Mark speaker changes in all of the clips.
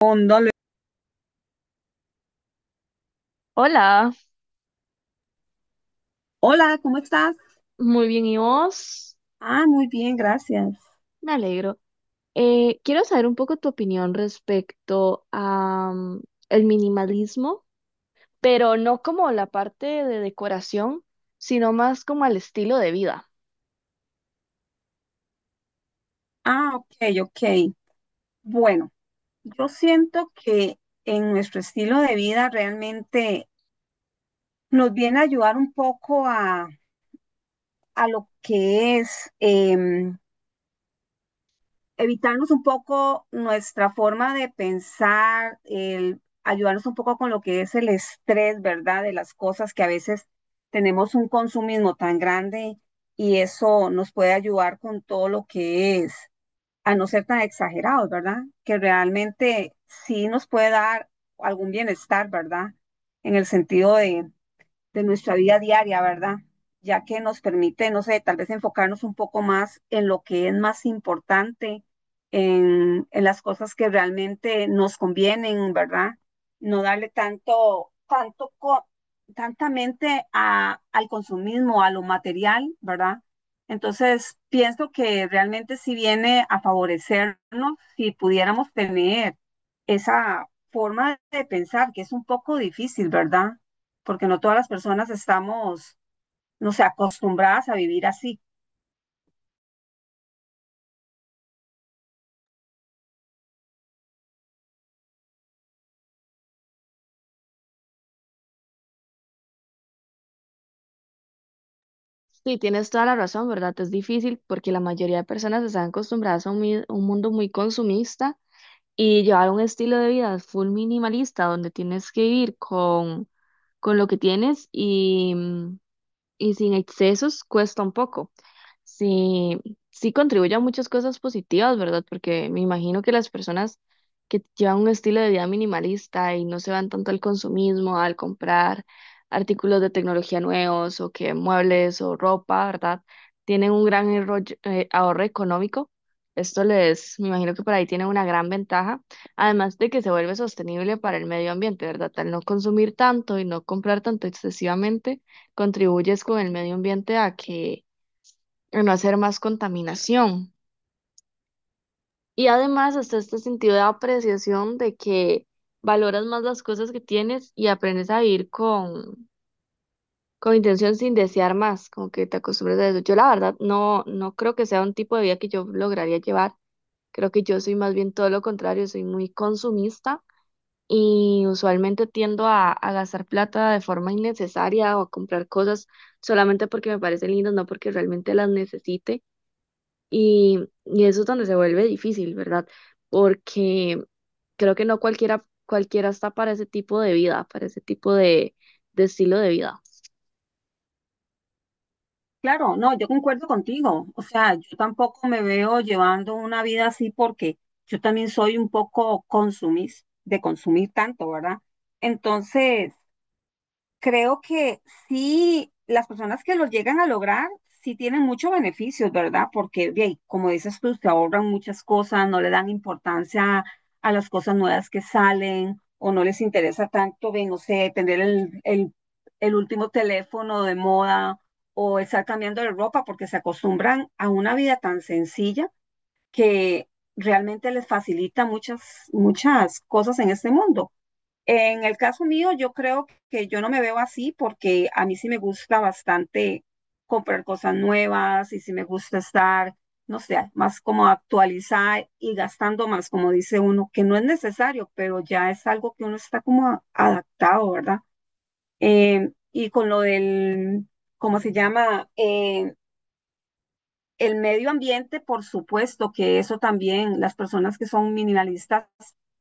Speaker 1: Póndale.
Speaker 2: Hola,
Speaker 1: Hola, ¿cómo estás?
Speaker 2: muy bien, ¿y vos?
Speaker 1: Ah, muy bien, gracias.
Speaker 2: Me alegro. Quiero saber un poco tu opinión respecto a el minimalismo, pero no como la parte de decoración, sino más como el estilo de vida.
Speaker 1: Ah, ok, ok. Bueno, yo siento que en nuestro estilo de vida realmente nos viene a ayudar un poco a lo que es evitarnos un poco nuestra forma de pensar, el ayudarnos un poco con lo que es el estrés, ¿verdad? De las cosas que a veces tenemos un consumismo tan grande y eso nos puede ayudar con todo lo que es, a no ser tan exagerados, ¿verdad? Que realmente sí nos puede dar algún bienestar, ¿verdad? En el sentido de nuestra vida diaria, ¿verdad? Ya que nos permite, no sé, tal vez enfocarnos un poco más en lo que es más importante, en las cosas que realmente nos convienen, ¿verdad? No darle tanto, tanto, tanta mente a, al consumismo, a lo material, ¿verdad? Entonces, pienso que realmente sí viene a favorecernos si pudiéramos tener esa forma de pensar, que es un poco difícil, ¿verdad? Porque no todas las personas estamos, no sé, acostumbradas a vivir así.
Speaker 2: Sí, tienes toda la razón, ¿verdad? Es difícil porque la mayoría de personas están acostumbradas a un mundo muy consumista y llevar un estilo de vida full minimalista donde tienes que vivir con lo que tienes y sin excesos cuesta un poco. Sí, sí contribuye a muchas cosas positivas, ¿verdad? Porque me imagino que las personas que llevan un estilo de vida minimalista y no se van tanto al consumismo, al comprar artículos de tecnología nuevos o que muebles o ropa, ¿verdad? Tienen un gran ahorro económico. Esto les, me imagino que por ahí tienen una gran ventaja, además de que se vuelve sostenible para el medio ambiente, ¿verdad? Al no consumir tanto y no comprar tanto excesivamente contribuyes con el medio ambiente a no hacer más contaminación. Y además hasta este sentido de apreciación de que valoras más las cosas que tienes y aprendes a vivir con intención sin desear más, como que te acostumbras a eso. Yo la verdad no creo que sea un tipo de vida que yo lograría llevar. Creo que yo soy más bien todo lo contrario, soy muy consumista y usualmente tiendo a gastar plata de forma innecesaria o a comprar cosas solamente porque me parecen lindas, no porque realmente las necesite. Y, y eso es donde se vuelve difícil, ¿verdad? Porque creo que no cualquiera, cualquiera está para ese tipo de vida, para ese tipo de estilo de vida.
Speaker 1: Claro, no, yo concuerdo contigo. O sea, yo tampoco me veo llevando una vida así porque yo también soy un poco de consumir tanto, ¿verdad? Entonces, creo que sí, las personas que los llegan a lograr, sí tienen muchos beneficios, ¿verdad? Porque, bien, como dices tú, se ahorran muchas cosas, no le dan importancia a las cosas nuevas que salen o no les interesa tanto, bien, no sé, tener el último teléfono de moda o estar cambiando de ropa porque se acostumbran a una vida tan sencilla que realmente les facilita muchas, muchas cosas en este mundo. En el caso mío, yo creo que yo no me veo así porque a mí sí me gusta bastante comprar cosas nuevas y sí me gusta estar, no sé, más como actualizar y gastando más, como dice uno, que no es necesario, pero ya es algo que uno está como adaptado, ¿verdad? Y con lo del, ¿cómo se llama? El medio ambiente, por supuesto que eso también, las personas que son minimalistas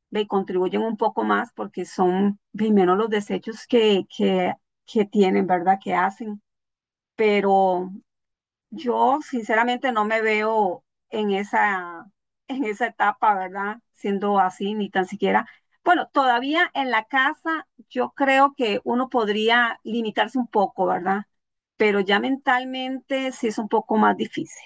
Speaker 1: ve, contribuyen un poco más porque son ve, menos los desechos que tienen, ¿verdad? Que hacen. Pero yo sinceramente no me veo en esa, en esa etapa, ¿verdad? Siendo así, ni tan siquiera. Bueno, todavía en la casa yo creo que uno podría limitarse un poco, ¿verdad? Pero ya mentalmente sí es un poco más difícil.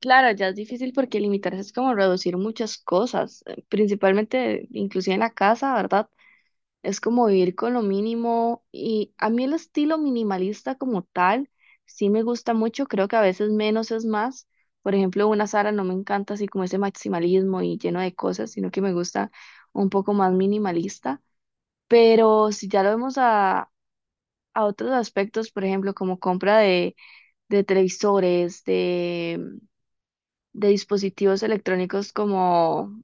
Speaker 2: Claro, ya es difícil porque limitarse es como reducir muchas cosas, principalmente inclusive en la casa, ¿verdad? Es como vivir con lo mínimo y a mí el estilo minimalista como tal sí me gusta mucho, creo que a veces menos es más. Por ejemplo, una Sara no me encanta así como ese maximalismo y lleno de cosas, sino que me gusta un poco más minimalista. Pero si ya lo vemos a otros aspectos, por ejemplo, como compra de televisores, de dispositivos electrónicos como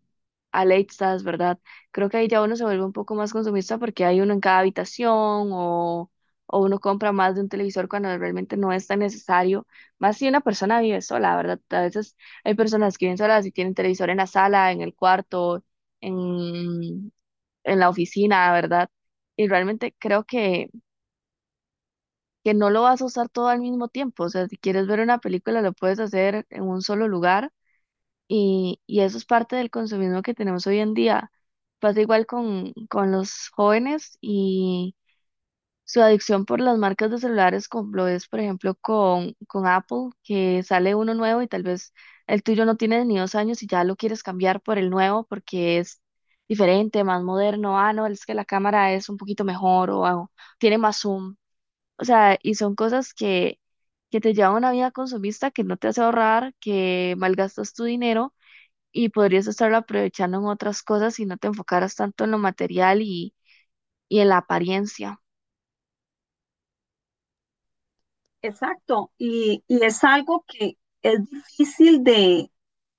Speaker 2: Alexas, ¿verdad? Creo que ahí ya uno se vuelve un poco más consumista porque hay uno en cada habitación o, o uno compra más de un televisor cuando realmente no es tan necesario. Más si una persona vive sola, ¿verdad? A veces hay personas que viven solas y tienen televisor en la sala, en el cuarto, en, en la oficina, ¿verdad? Y realmente creo que no lo vas a usar todo al mismo tiempo. O sea, si quieres ver una película, lo puedes hacer en un solo lugar y eso es parte del consumismo que tenemos hoy en día. Pasa igual con los jóvenes y su adicción por las marcas de celulares, como lo es, por ejemplo, con Apple, que sale uno nuevo y tal vez el tuyo no tiene ni 2 años y ya lo quieres cambiar por el nuevo porque es diferente, más moderno. Ah, no, es que la cámara es un poquito mejor o tiene más zoom. O sea, y son cosas que te llevan a una vida consumista que no te hace ahorrar, que malgastas tu dinero y podrías estarlo aprovechando en otras cosas si no te enfocaras tanto en lo material y en la apariencia.
Speaker 1: Exacto, y es algo que es difícil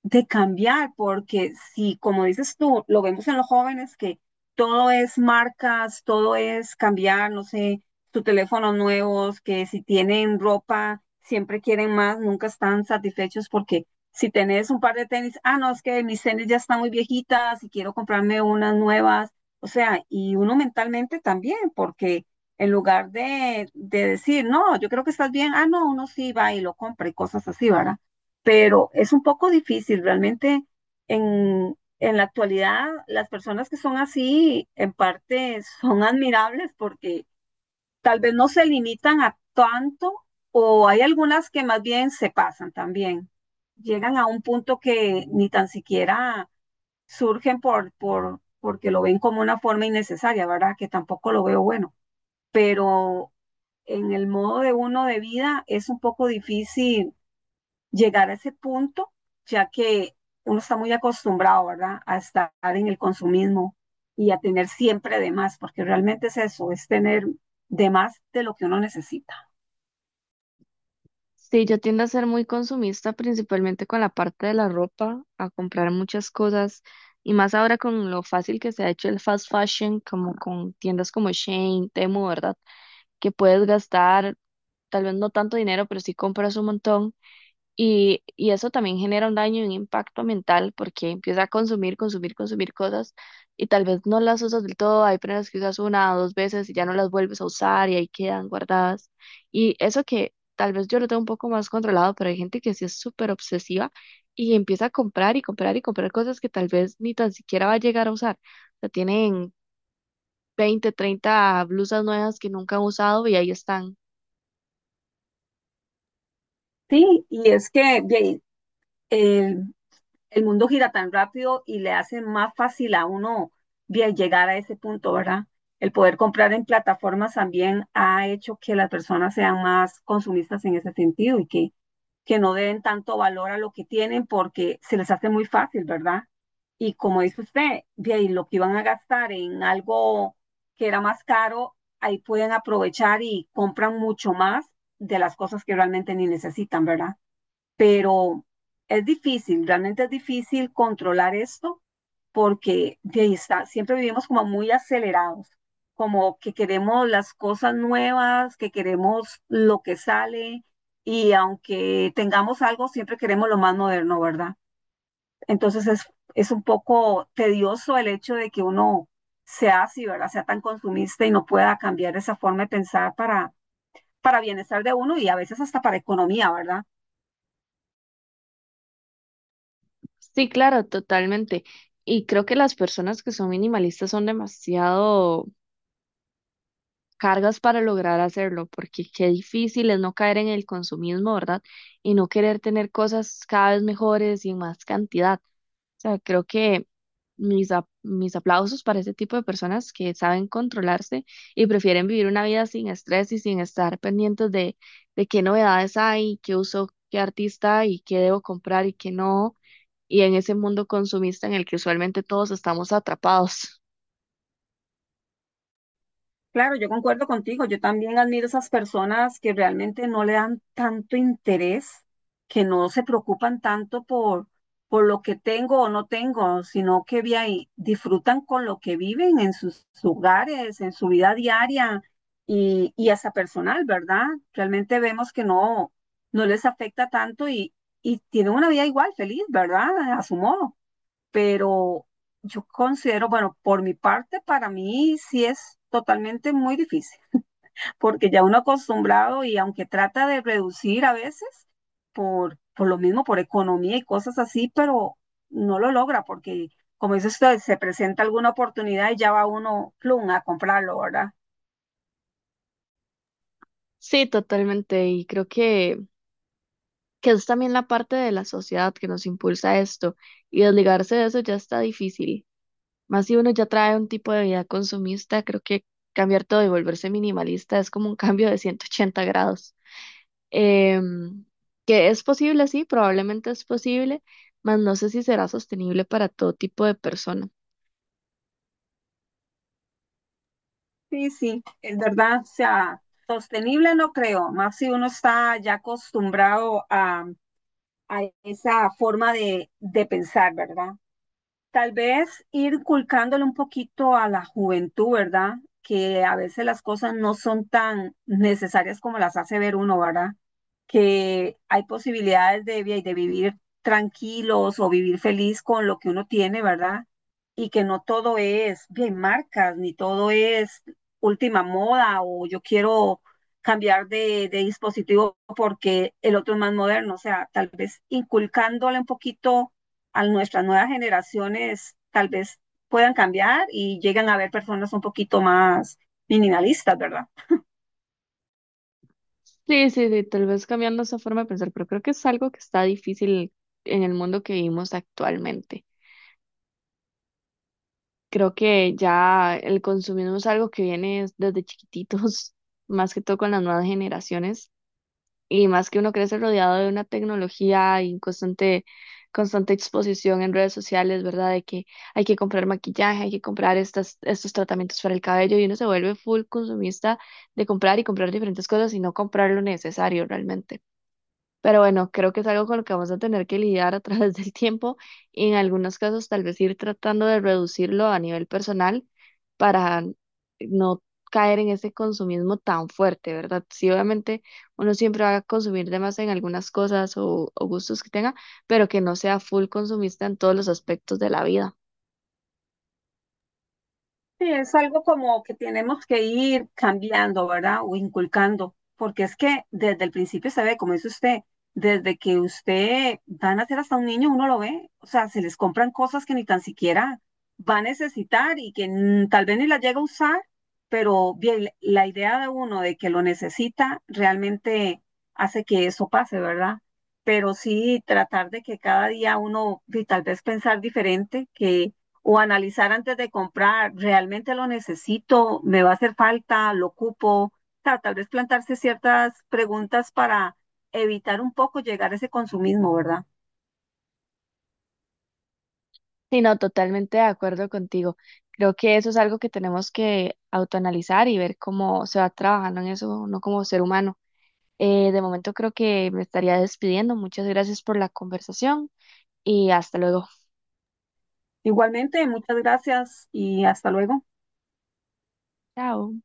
Speaker 1: de cambiar, porque si, como dices tú, lo vemos en los jóvenes que todo es marcas, todo es cambiar, no sé, tu teléfono nuevos, que si tienen ropa, siempre quieren más, nunca están satisfechos porque si tenés un par de tenis, ah, no, es que mis tenis ya están muy viejitas y quiero comprarme unas nuevas. O sea, y uno mentalmente también, porque en lugar de decir, no, yo creo que estás bien, ah, no, uno sí va y lo compra y cosas así, ¿verdad? Pero es un poco difícil, realmente en la actualidad las personas que son así en parte son admirables porque tal vez no se limitan a tanto o hay algunas que más bien se pasan también. Llegan a un punto que ni tan siquiera surgen porque lo ven como una forma innecesaria, ¿verdad? Que tampoco lo veo bueno. Pero en el modo de uno de vida es un poco difícil llegar a ese punto, ya que uno está muy acostumbrado, ¿verdad?, a estar en el consumismo y a tener siempre de más, porque realmente es eso, es tener de más de lo que uno necesita.
Speaker 2: Sí, yo tiendo a ser muy consumista, principalmente con la parte de la ropa, a comprar muchas cosas y más ahora con lo fácil que se ha hecho el fast fashion, como con tiendas como Shein, Temu, ¿verdad? Que puedes gastar tal vez no tanto dinero, pero sí compras un montón. Y eso también genera un daño y un impacto mental porque empieza a consumir, consumir, consumir cosas y tal vez no las usas del todo. Hay prendas que usas 1 o 2 veces y ya no las vuelves a usar y ahí quedan guardadas. Y eso que tal vez yo lo tengo un poco más controlado, pero hay gente que sí es súper obsesiva y empieza a comprar y comprar y comprar cosas que tal vez ni tan siquiera va a llegar a usar. O sea, tienen 20 o 30 blusas nuevas que nunca han usado y ahí están.
Speaker 1: Sí, y es que bien, el el mundo gira tan rápido y le hace más fácil a uno bien llegar a ese punto, ¿verdad? El poder comprar en plataformas también ha hecho que las personas sean más consumistas en ese sentido y que no den tanto valor a lo que tienen porque se les hace muy fácil, ¿verdad? Y como dice usted, bien, y lo que iban a gastar en algo que era más caro, ahí pueden aprovechar y compran mucho más de las cosas que realmente ni necesitan, ¿verdad? Pero es difícil, realmente es difícil controlar esto porque de ahí está, siempre vivimos como muy acelerados, como que queremos las cosas nuevas, que queremos lo que sale y aunque tengamos algo, siempre queremos lo más moderno, ¿verdad? Entonces es un poco tedioso el hecho de que uno sea así, ¿verdad? Sea tan consumista y no pueda cambiar esa forma de pensar para bienestar de uno y a veces hasta para economía, ¿verdad?
Speaker 2: Sí, claro, totalmente. Y creo que las personas que son minimalistas son demasiado cargas para lograr hacerlo, porque qué difícil es no caer en el consumismo, ¿verdad? Y no querer tener cosas cada vez mejores y en más cantidad. O sea, creo que mis aplausos para ese tipo de personas que saben controlarse y prefieren vivir una vida sin estrés y sin estar pendientes de qué novedades hay, qué uso, qué artista y qué debo comprar y qué no y en ese mundo consumista en el que usualmente todos estamos atrapados.
Speaker 1: Claro, yo concuerdo contigo. Yo también admiro esas personas que realmente no le dan tanto interés, que no se preocupan tanto por lo que tengo o no tengo, sino que vi ahí, disfrutan con lo que viven en sus hogares, en su vida diaria y hasta personal, ¿verdad? Realmente vemos que no, no les afecta tanto y tienen una vida igual, feliz, ¿verdad? A su modo, pero yo considero, bueno, por mi parte, para mí sí es totalmente muy difícil, porque ya uno acostumbrado y aunque trata de reducir a veces, por lo mismo, por economía y cosas así, pero no lo logra porque, como dice usted, se presenta alguna oportunidad y ya va uno, plum, a comprarlo, ¿verdad?
Speaker 2: Sí, totalmente. Y creo que es también la parte de la sociedad que nos impulsa a esto. Y desligarse de eso ya está difícil. Más si uno ya trae un tipo de vida consumista, creo que cambiar todo y volverse minimalista es como un cambio de 180 grados. Em, que es posible, sí, probablemente es posible, mas no sé si será sostenible para todo tipo de persona.
Speaker 1: Sí, sí, es verdad, o sea, sostenible no creo, más si uno está ya acostumbrado a esa forma de pensar, ¿verdad? Tal vez ir inculcándole un poquito a la juventud, ¿verdad? Que a veces las cosas no son tan necesarias como las hace ver uno, ¿verdad? Que hay posibilidades de, de vivir tranquilos o vivir feliz con lo que uno tiene, ¿verdad? Y que no todo es bien marcas, ni todo es última moda o yo quiero cambiar de dispositivo porque el otro es más moderno. O sea, tal vez inculcándole un poquito a nuestras nuevas generaciones tal vez puedan cambiar y llegan a ver personas un poquito más minimalistas, ¿verdad?
Speaker 2: Sí, sí, sí, tal vez cambiando esa forma de pensar, pero creo que es algo que está difícil en el mundo que vivimos actualmente. Creo que ya el consumismo es algo que viene desde chiquititos, más que todo con las nuevas generaciones, y más que uno crece rodeado de una tecnología y constante, constante exposición en redes sociales, ¿verdad? De que hay que comprar maquillaje, hay que comprar estos tratamientos para el cabello, y uno se vuelve full consumista de comprar y comprar diferentes cosas y no comprar lo necesario realmente. Pero bueno, creo que es algo con lo que vamos a tener que lidiar a través del tiempo y en algunos casos tal vez ir tratando de reducirlo a nivel personal para no caer en ese consumismo tan fuerte, ¿verdad? Sí, obviamente uno siempre va a consumir de más en algunas cosas o gustos que tenga, pero que no sea full consumista en todos los aspectos de la vida.
Speaker 1: Sí, es algo como que tenemos que ir cambiando, ¿verdad? O inculcando, porque es que desde el principio se ve, como dice usted, desde que usted va a ser hasta un niño, uno lo ve, o sea, se les compran cosas que ni tan siquiera va a necesitar y que tal vez ni las llega a usar, pero bien, la idea de uno de que lo necesita realmente hace que eso pase, ¿verdad? Pero sí tratar de que cada día uno, y tal vez pensar diferente, que o analizar antes de comprar, ¿realmente lo necesito? ¿Me va a hacer falta? ¿Lo ocupo? Tal vez plantarse ciertas preguntas para evitar un poco llegar a ese consumismo, ¿verdad?
Speaker 2: Sí, no, totalmente de acuerdo contigo. Creo que eso es algo que tenemos que autoanalizar y ver cómo se va trabajando en eso, no como ser humano. De momento creo que me estaría despidiendo. Muchas gracias por la conversación y hasta luego.
Speaker 1: Igualmente, muchas gracias y hasta luego.
Speaker 2: Chao.